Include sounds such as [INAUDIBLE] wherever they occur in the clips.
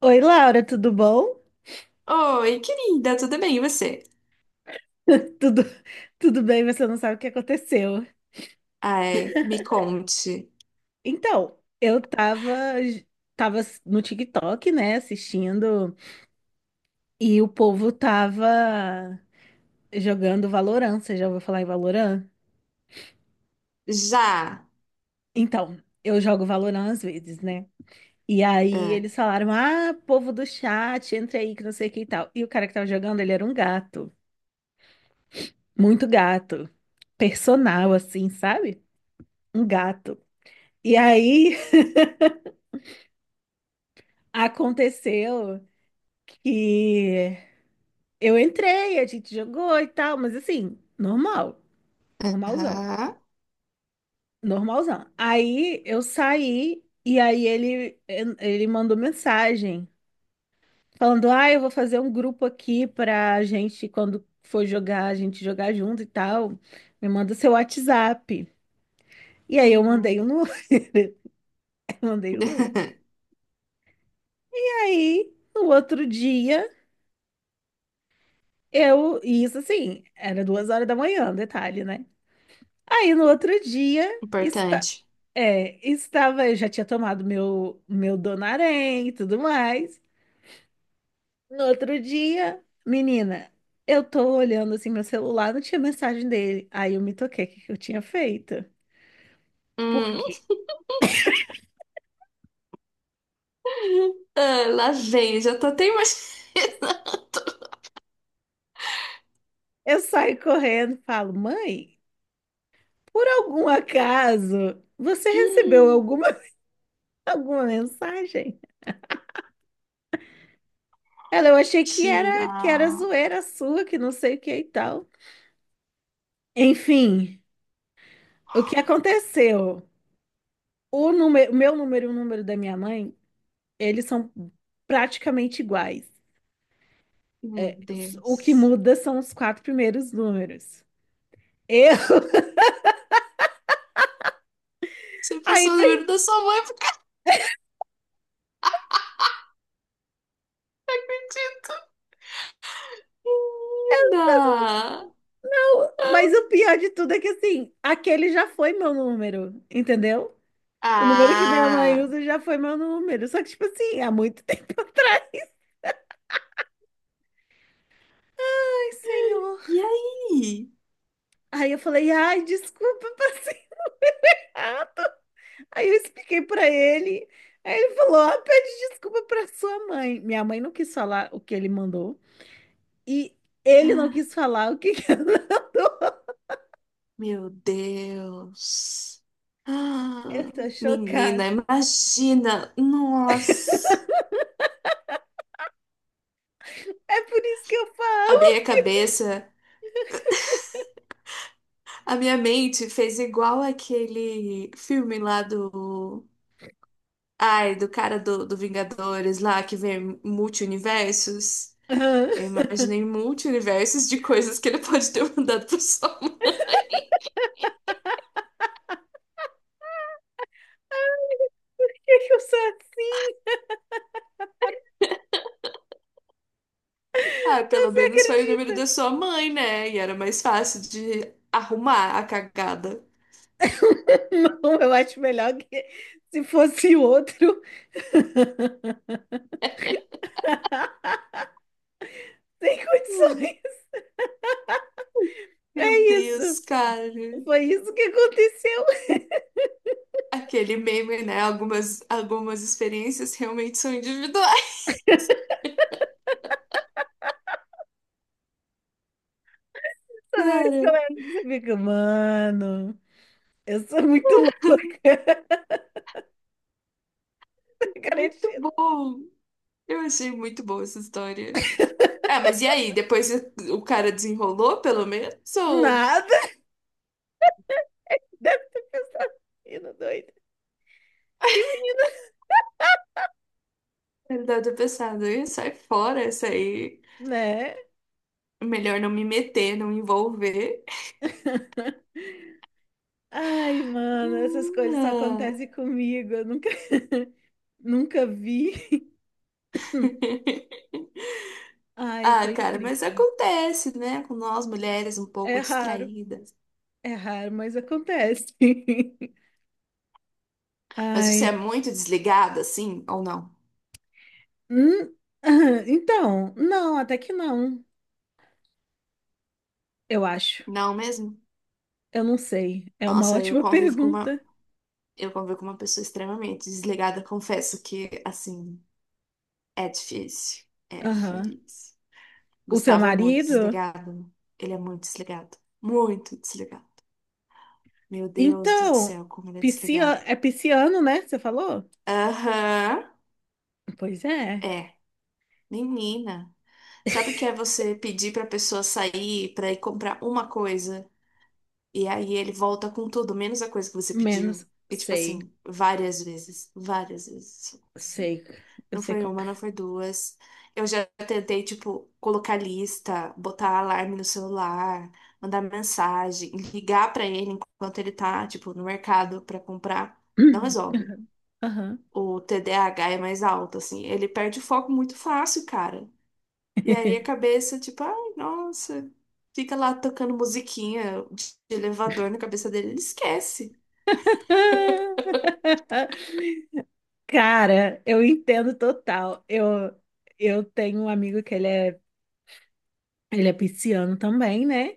Oi, Laura, tudo bom? Oi, querida, tudo bem? E você? [LAUGHS] Tudo, tudo bem, você não sabe o que aconteceu. Ai, me conte. Então, eu tava no TikTok, né, assistindo, e o povo tava jogando Valorant. Você já ouviu falar em Valorant? Já. Então, eu jogo Valorant às vezes, né? E aí É. eles falaram: ah, povo do chat, entra aí que não sei o que e tal. E o cara que tava jogando, ele era um gato, muito gato, personal, assim, sabe? Um gato. E aí [LAUGHS] aconteceu. E eu entrei, a gente jogou e tal, mas assim, normal, normalzão, Aham. normalzão. Aí eu saí e aí ele mandou mensagem falando: "Ah, eu vou fazer um grupo aqui pra gente quando for jogar, a gente jogar junto e tal. Me manda seu WhatsApp". E aí eu mandei Uhum. o número, [LAUGHS] eu mandei o número. [LAUGHS] Aí, no outro dia, eu, e isso assim, era duas horas da manhã, detalhe, né? Aí no outro dia, Importante. é, estava, eu já tinha tomado meu Donarém e tudo mais. No outro dia, menina, eu tô olhando assim meu celular, não tinha mensagem dele. Aí eu me toquei, o que que eu tinha feito? Por Hum. quê? [LAUGHS] Ah, lá vem, já tô até imaginando. Eu saio correndo, e falo, mãe, por algum acaso, você [LAUGHS] recebeu Hum. alguma, [LAUGHS] alguma mensagem? Ela, eu achei que era, Tira. que era zoeira sua, que não sei o que e tal. Enfim, o que aconteceu? O número, o meu número e o número da minha mãe, eles são praticamente iguais. Meu É, o que Deus. muda são os quatro primeiros números. Eu. [LAUGHS] Você Aí, passou o mas, número da sua mãe porque não [LAUGHS] acredito. Menina. não, Ah. mas o pior de tudo é que, assim, aquele já foi meu número, entendeu? O número que minha mãe Ah. usa já foi meu número. Só que, tipo assim, há muito [LAUGHS] tempo atrás. Ai, senhor. E aí? Aí eu falei, ai, desculpa, [LAUGHS] passei errado. Aí eu expliquei pra ele. Aí ele falou, ah, pede desculpa pra sua mãe. Minha mãe não quis falar o que ele mandou. E ele não quis falar o que que eu não dou. Meu Deus. Eu Ah, tô menina, chocada. imagina. Nossa. [LAUGHS] É por isso que eu A falo. minha cabeça, a minha mente fez igual aquele filme lá do. Ai, do cara do, do Vingadores lá que vê multi-universos. Aham. Eu [LAUGHS] imaginei multi-universos de coisas que ele [LAUGHS] pode ter mandado pra sua mãe. Ai, por que que eu sou assim? Ah, pelo Você menos foi o número acredita? da sua mãe, né? E era mais fácil de arrumar a cagada. [LAUGHS] Não, eu acho melhor que se fosse outro. [LAUGHS] Sem condições. Meu É isso. Deus, cara. Foi isso que aconteceu. Aquele meme, né? Algumas experiências realmente são individuais. [LAUGHS] Toda vez que eu Cara, lembro disso, eu fico, mano, eu sou muito louca. muito Garantido. bom. Eu achei muito boa essa história. Ah, [LAUGHS] mas e aí? Depois o cara desenrolou, pelo menos? Ou Nada. Deve ter pensado. Menino doido. E menina, ele deve ter pensado, "Ih, sai fora essa aí. né? Melhor não me meter, não me envolver. [LAUGHS] Ai, mano, essas coisas só Não. acontecem comigo. Eu nunca, [LAUGHS] nunca vi. [LAUGHS] [LAUGHS] Ai, Ah, foi cara, mas incrível. acontece, né? Com nós mulheres um É pouco raro, distraídas. é raro, mas acontece. [LAUGHS] Mas você é Ai. muito desligada, assim, ou não? Hum, ah, então, não, até que não. Eu acho. Não mesmo? Eu não sei. É uma Nossa, eu ótima convivo com pergunta. uma, eu convivo com uma pessoa extremamente desligada, confesso que, assim, é difícil. É Aham. difícil. O seu Gustavo é muito marido? desligado. Ele é muito desligado. Muito desligado. Meu Deus do Então, céu, como ele é desligado. É pisciano, né? Você falou? Aham. Pois é. É. Menina. Sabe o que é você pedir pra pessoa sair pra ir comprar uma coisa? E aí ele volta com tudo, menos a coisa que você pediu. Menos, E tipo sei, assim, várias vezes, várias vezes. sei, eu Não sei foi qual. uma, não foi duas. Eu já tentei, tipo, colocar lista, botar alarme no celular, mandar mensagem, ligar pra ele enquanto ele tá, tipo, no mercado pra comprar. Não resolve. [CLEARS THROAT] Aham. O TDAH é mais alto, assim. Ele perde o foco muito fácil, cara. E aí a [LAUGHS] cabeça, tipo, ai, nossa, fica lá tocando musiquinha de elevador na cabeça dele, ele esquece. Cara, eu entendo total. Eu tenho um amigo que ele é pisciano também, né?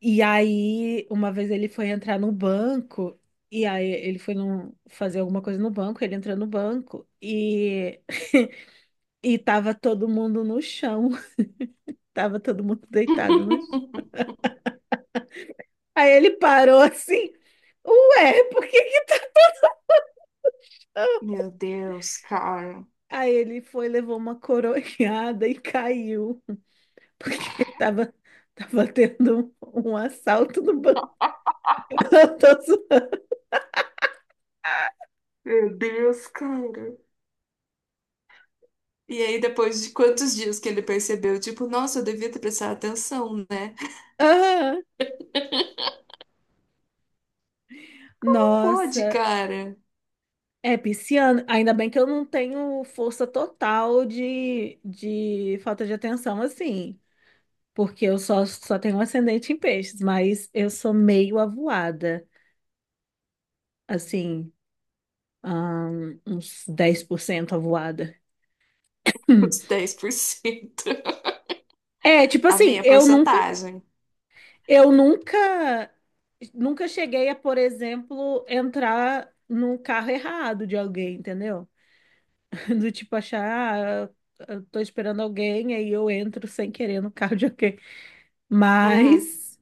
E aí, uma vez ele foi entrar no banco, e aí ele foi fazer alguma coisa no banco, ele entrou no banco e, [LAUGHS] e tava todo mundo no chão. Tava todo mundo deitado no chão. [LAUGHS] Aí ele parou assim. Ué, por que que... eu-" Meu Deus, cara. Aí ele foi, levou uma coronhada e caiu. [LAUGHS] Porque tava, tava tendo um assalto no banco. [LAUGHS] Eu tô Meu Deus, cara. E aí, depois de quantos dias que ele percebeu, tipo, nossa, eu devia ter prestado atenção, né? [LAUGHS] ah, Pode, nossa. cara. É pisciano. Ainda bem que eu não tenho força total de falta de atenção assim. Porque eu só tenho um ascendente em peixes. Mas eu sou meio avoada. Assim, uns 10% avoada. Hum. Os [LAUGHS] cento. É, tipo A assim, meia eu nunca, porcentagem. eu nunca, nunca cheguei a, por exemplo, entrar no carro errado de alguém, entendeu? [LAUGHS] Do tipo achar, ah, eu tô esperando alguém, aí eu entro sem querer no carro de alguém. Hum, Mas,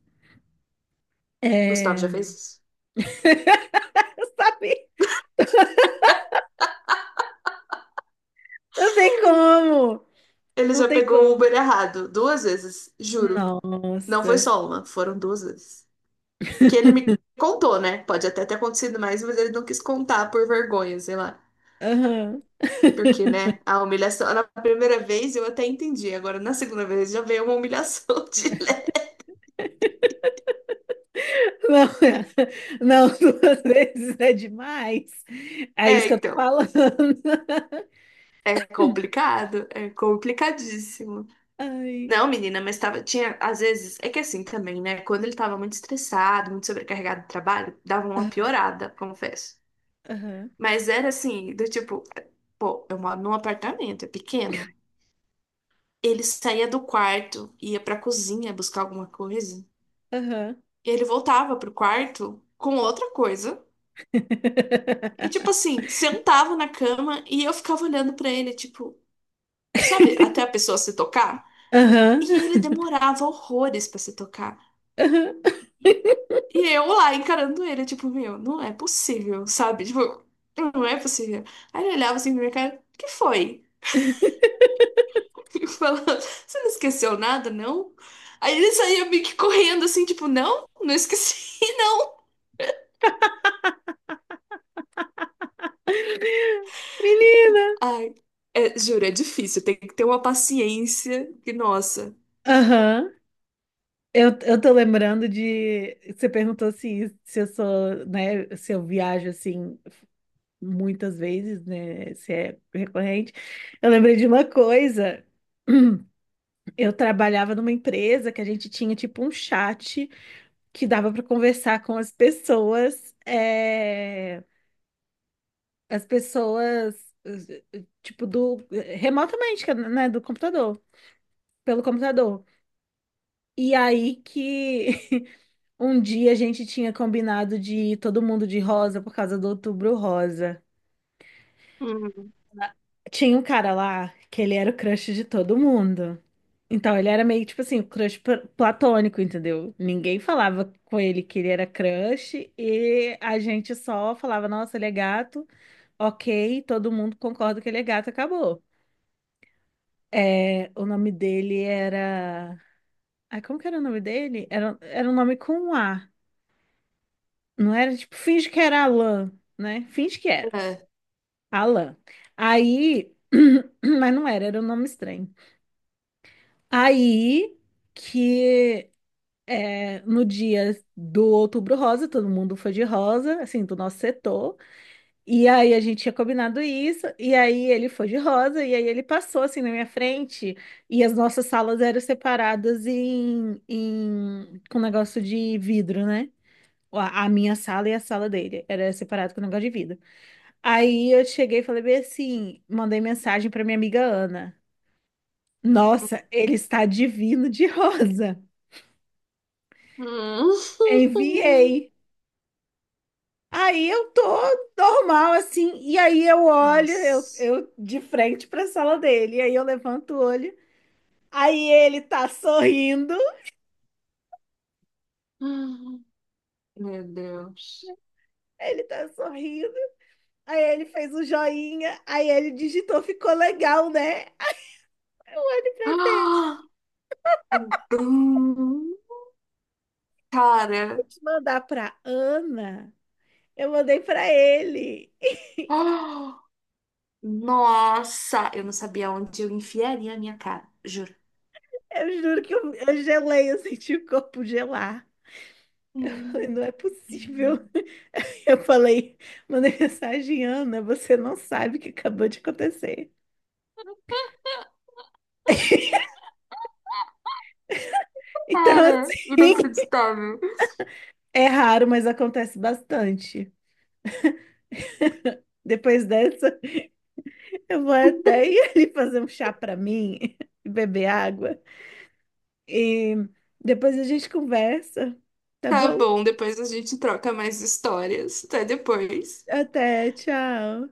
Gustavo é... já fez isso. [LAUGHS] sabe? Não tem como, Ele não já tem pegou o como. Uber errado duas vezes, juro. Não foi Nossa. só uma, foram duas vezes. Que ele me [LAUGHS] contou, né? Pode até ter acontecido mais, mas ele não quis contar por vergonha, sei lá. Aham. Porque, [LAUGHS] né, a humilhação, na primeira vez eu até entendi, agora na segunda vez já veio uma humilhação [LAUGHS] de leve. Não, [LAUGHS] não, duas vezes é demais. É isso É, que eu tô então, falando. [LAUGHS] é complicado, é complicadíssimo. Ai. Não, menina, mas tava, tinha, às vezes, é que assim também, né, quando ele tava muito estressado, muito sobrecarregado de trabalho, dava uma Aham, piorada, confesso. Mas era assim, do tipo, pô, eu moro num apartamento, é pequeno. Ele saía do quarto, ia pra cozinha buscar alguma coisa, aham, aham. e ele voltava pro quarto com outra coisa. E tipo [LAUGHS] assim, sentava na cama e eu ficava olhando pra ele, tipo, sabe, até a pessoa se tocar. Aham, E ele demorava horrores pra se tocar. aham. E eu lá encarando ele, tipo, meu, não é possível, sabe? Tipo, não é possível. Aí ele olhava assim pra minha cara, o que foi? [LAUGHS] Eu, você não esqueceu nada, não? Aí ele saía meio que correndo assim, tipo, não, não esqueci, [LAUGHS] não. Menina! Ai, é, juro, é difícil. Tem que ter uma paciência que, nossa. Aham. Eu tô lembrando de. Você perguntou se eu sou, né? Se eu viajo assim muitas vezes, né? Se é recorrente. Eu lembrei de uma coisa. Eu trabalhava numa empresa que a gente tinha tipo um chat que dava para conversar com as pessoas, as pessoas tipo do remotamente, que é, né, do computador, pelo computador. E aí que [LAUGHS] um dia a gente tinha combinado de ir todo mundo de rosa por causa do Outubro Rosa. Hum. Tinha um cara lá que ele era o crush de todo mundo. Então ele era meio tipo assim, o crush platônico, entendeu? Ninguém falava com ele que ele era crush e a gente só falava, nossa, ele é gato, ok, todo mundo concorda que ele é gato, acabou. É, o nome dele era. Ai, como que era o nome dele? Era um nome com um A. Não era tipo, finge que era Alan, né? Finge que era. É, Alan. Aí. [CLEARS THROAT] Mas não era, era um nome estranho. Aí que é, no dia do Outubro Rosa, todo mundo foi de rosa, assim, do nosso setor. E aí a gente tinha combinado isso, e aí ele foi de rosa, e aí ele passou assim na minha frente, e as nossas salas eram separadas com um negócio de vidro, né? A minha sala e a sala dele era separado com um negócio de vidro. Aí eu cheguei e falei bem assim, mandei mensagem para minha amiga Ana. Nossa, ele está divino de rosa. hum. Enviei. [LAUGHS] Aí eu tô normal, assim, e aí eu olho, eu, Nossa. eu de frente pra sala dele, e aí eu levanto o olho, aí Hum. Meu Deus. ele tá sorrindo, aí ele fez o joinha, aí ele digitou, ficou legal, né? Aí eu olho [GASPS] pra dele, Ah! Hum, cara, mandar pra Ana, eu mandei pra ele, ah! Nossa, eu não sabia onde eu enfiaria a minha cara, juro. eu juro que eu gelei, eu senti o corpo gelar, falei, não Hum. é possível. Eu falei, mandei mensagem, Ana, você não sabe o que acabou de acontecer. [LAUGHS] Então, Cara, assim, inacreditável. é raro, mas acontece bastante. Depois dessa, eu vou até [LAUGHS] ir ali fazer um chá pra mim, [LAUGHS] e beber água. E depois a gente conversa, tá Tá bom? bom, depois a gente troca mais histórias. Até depois. Até, tchau.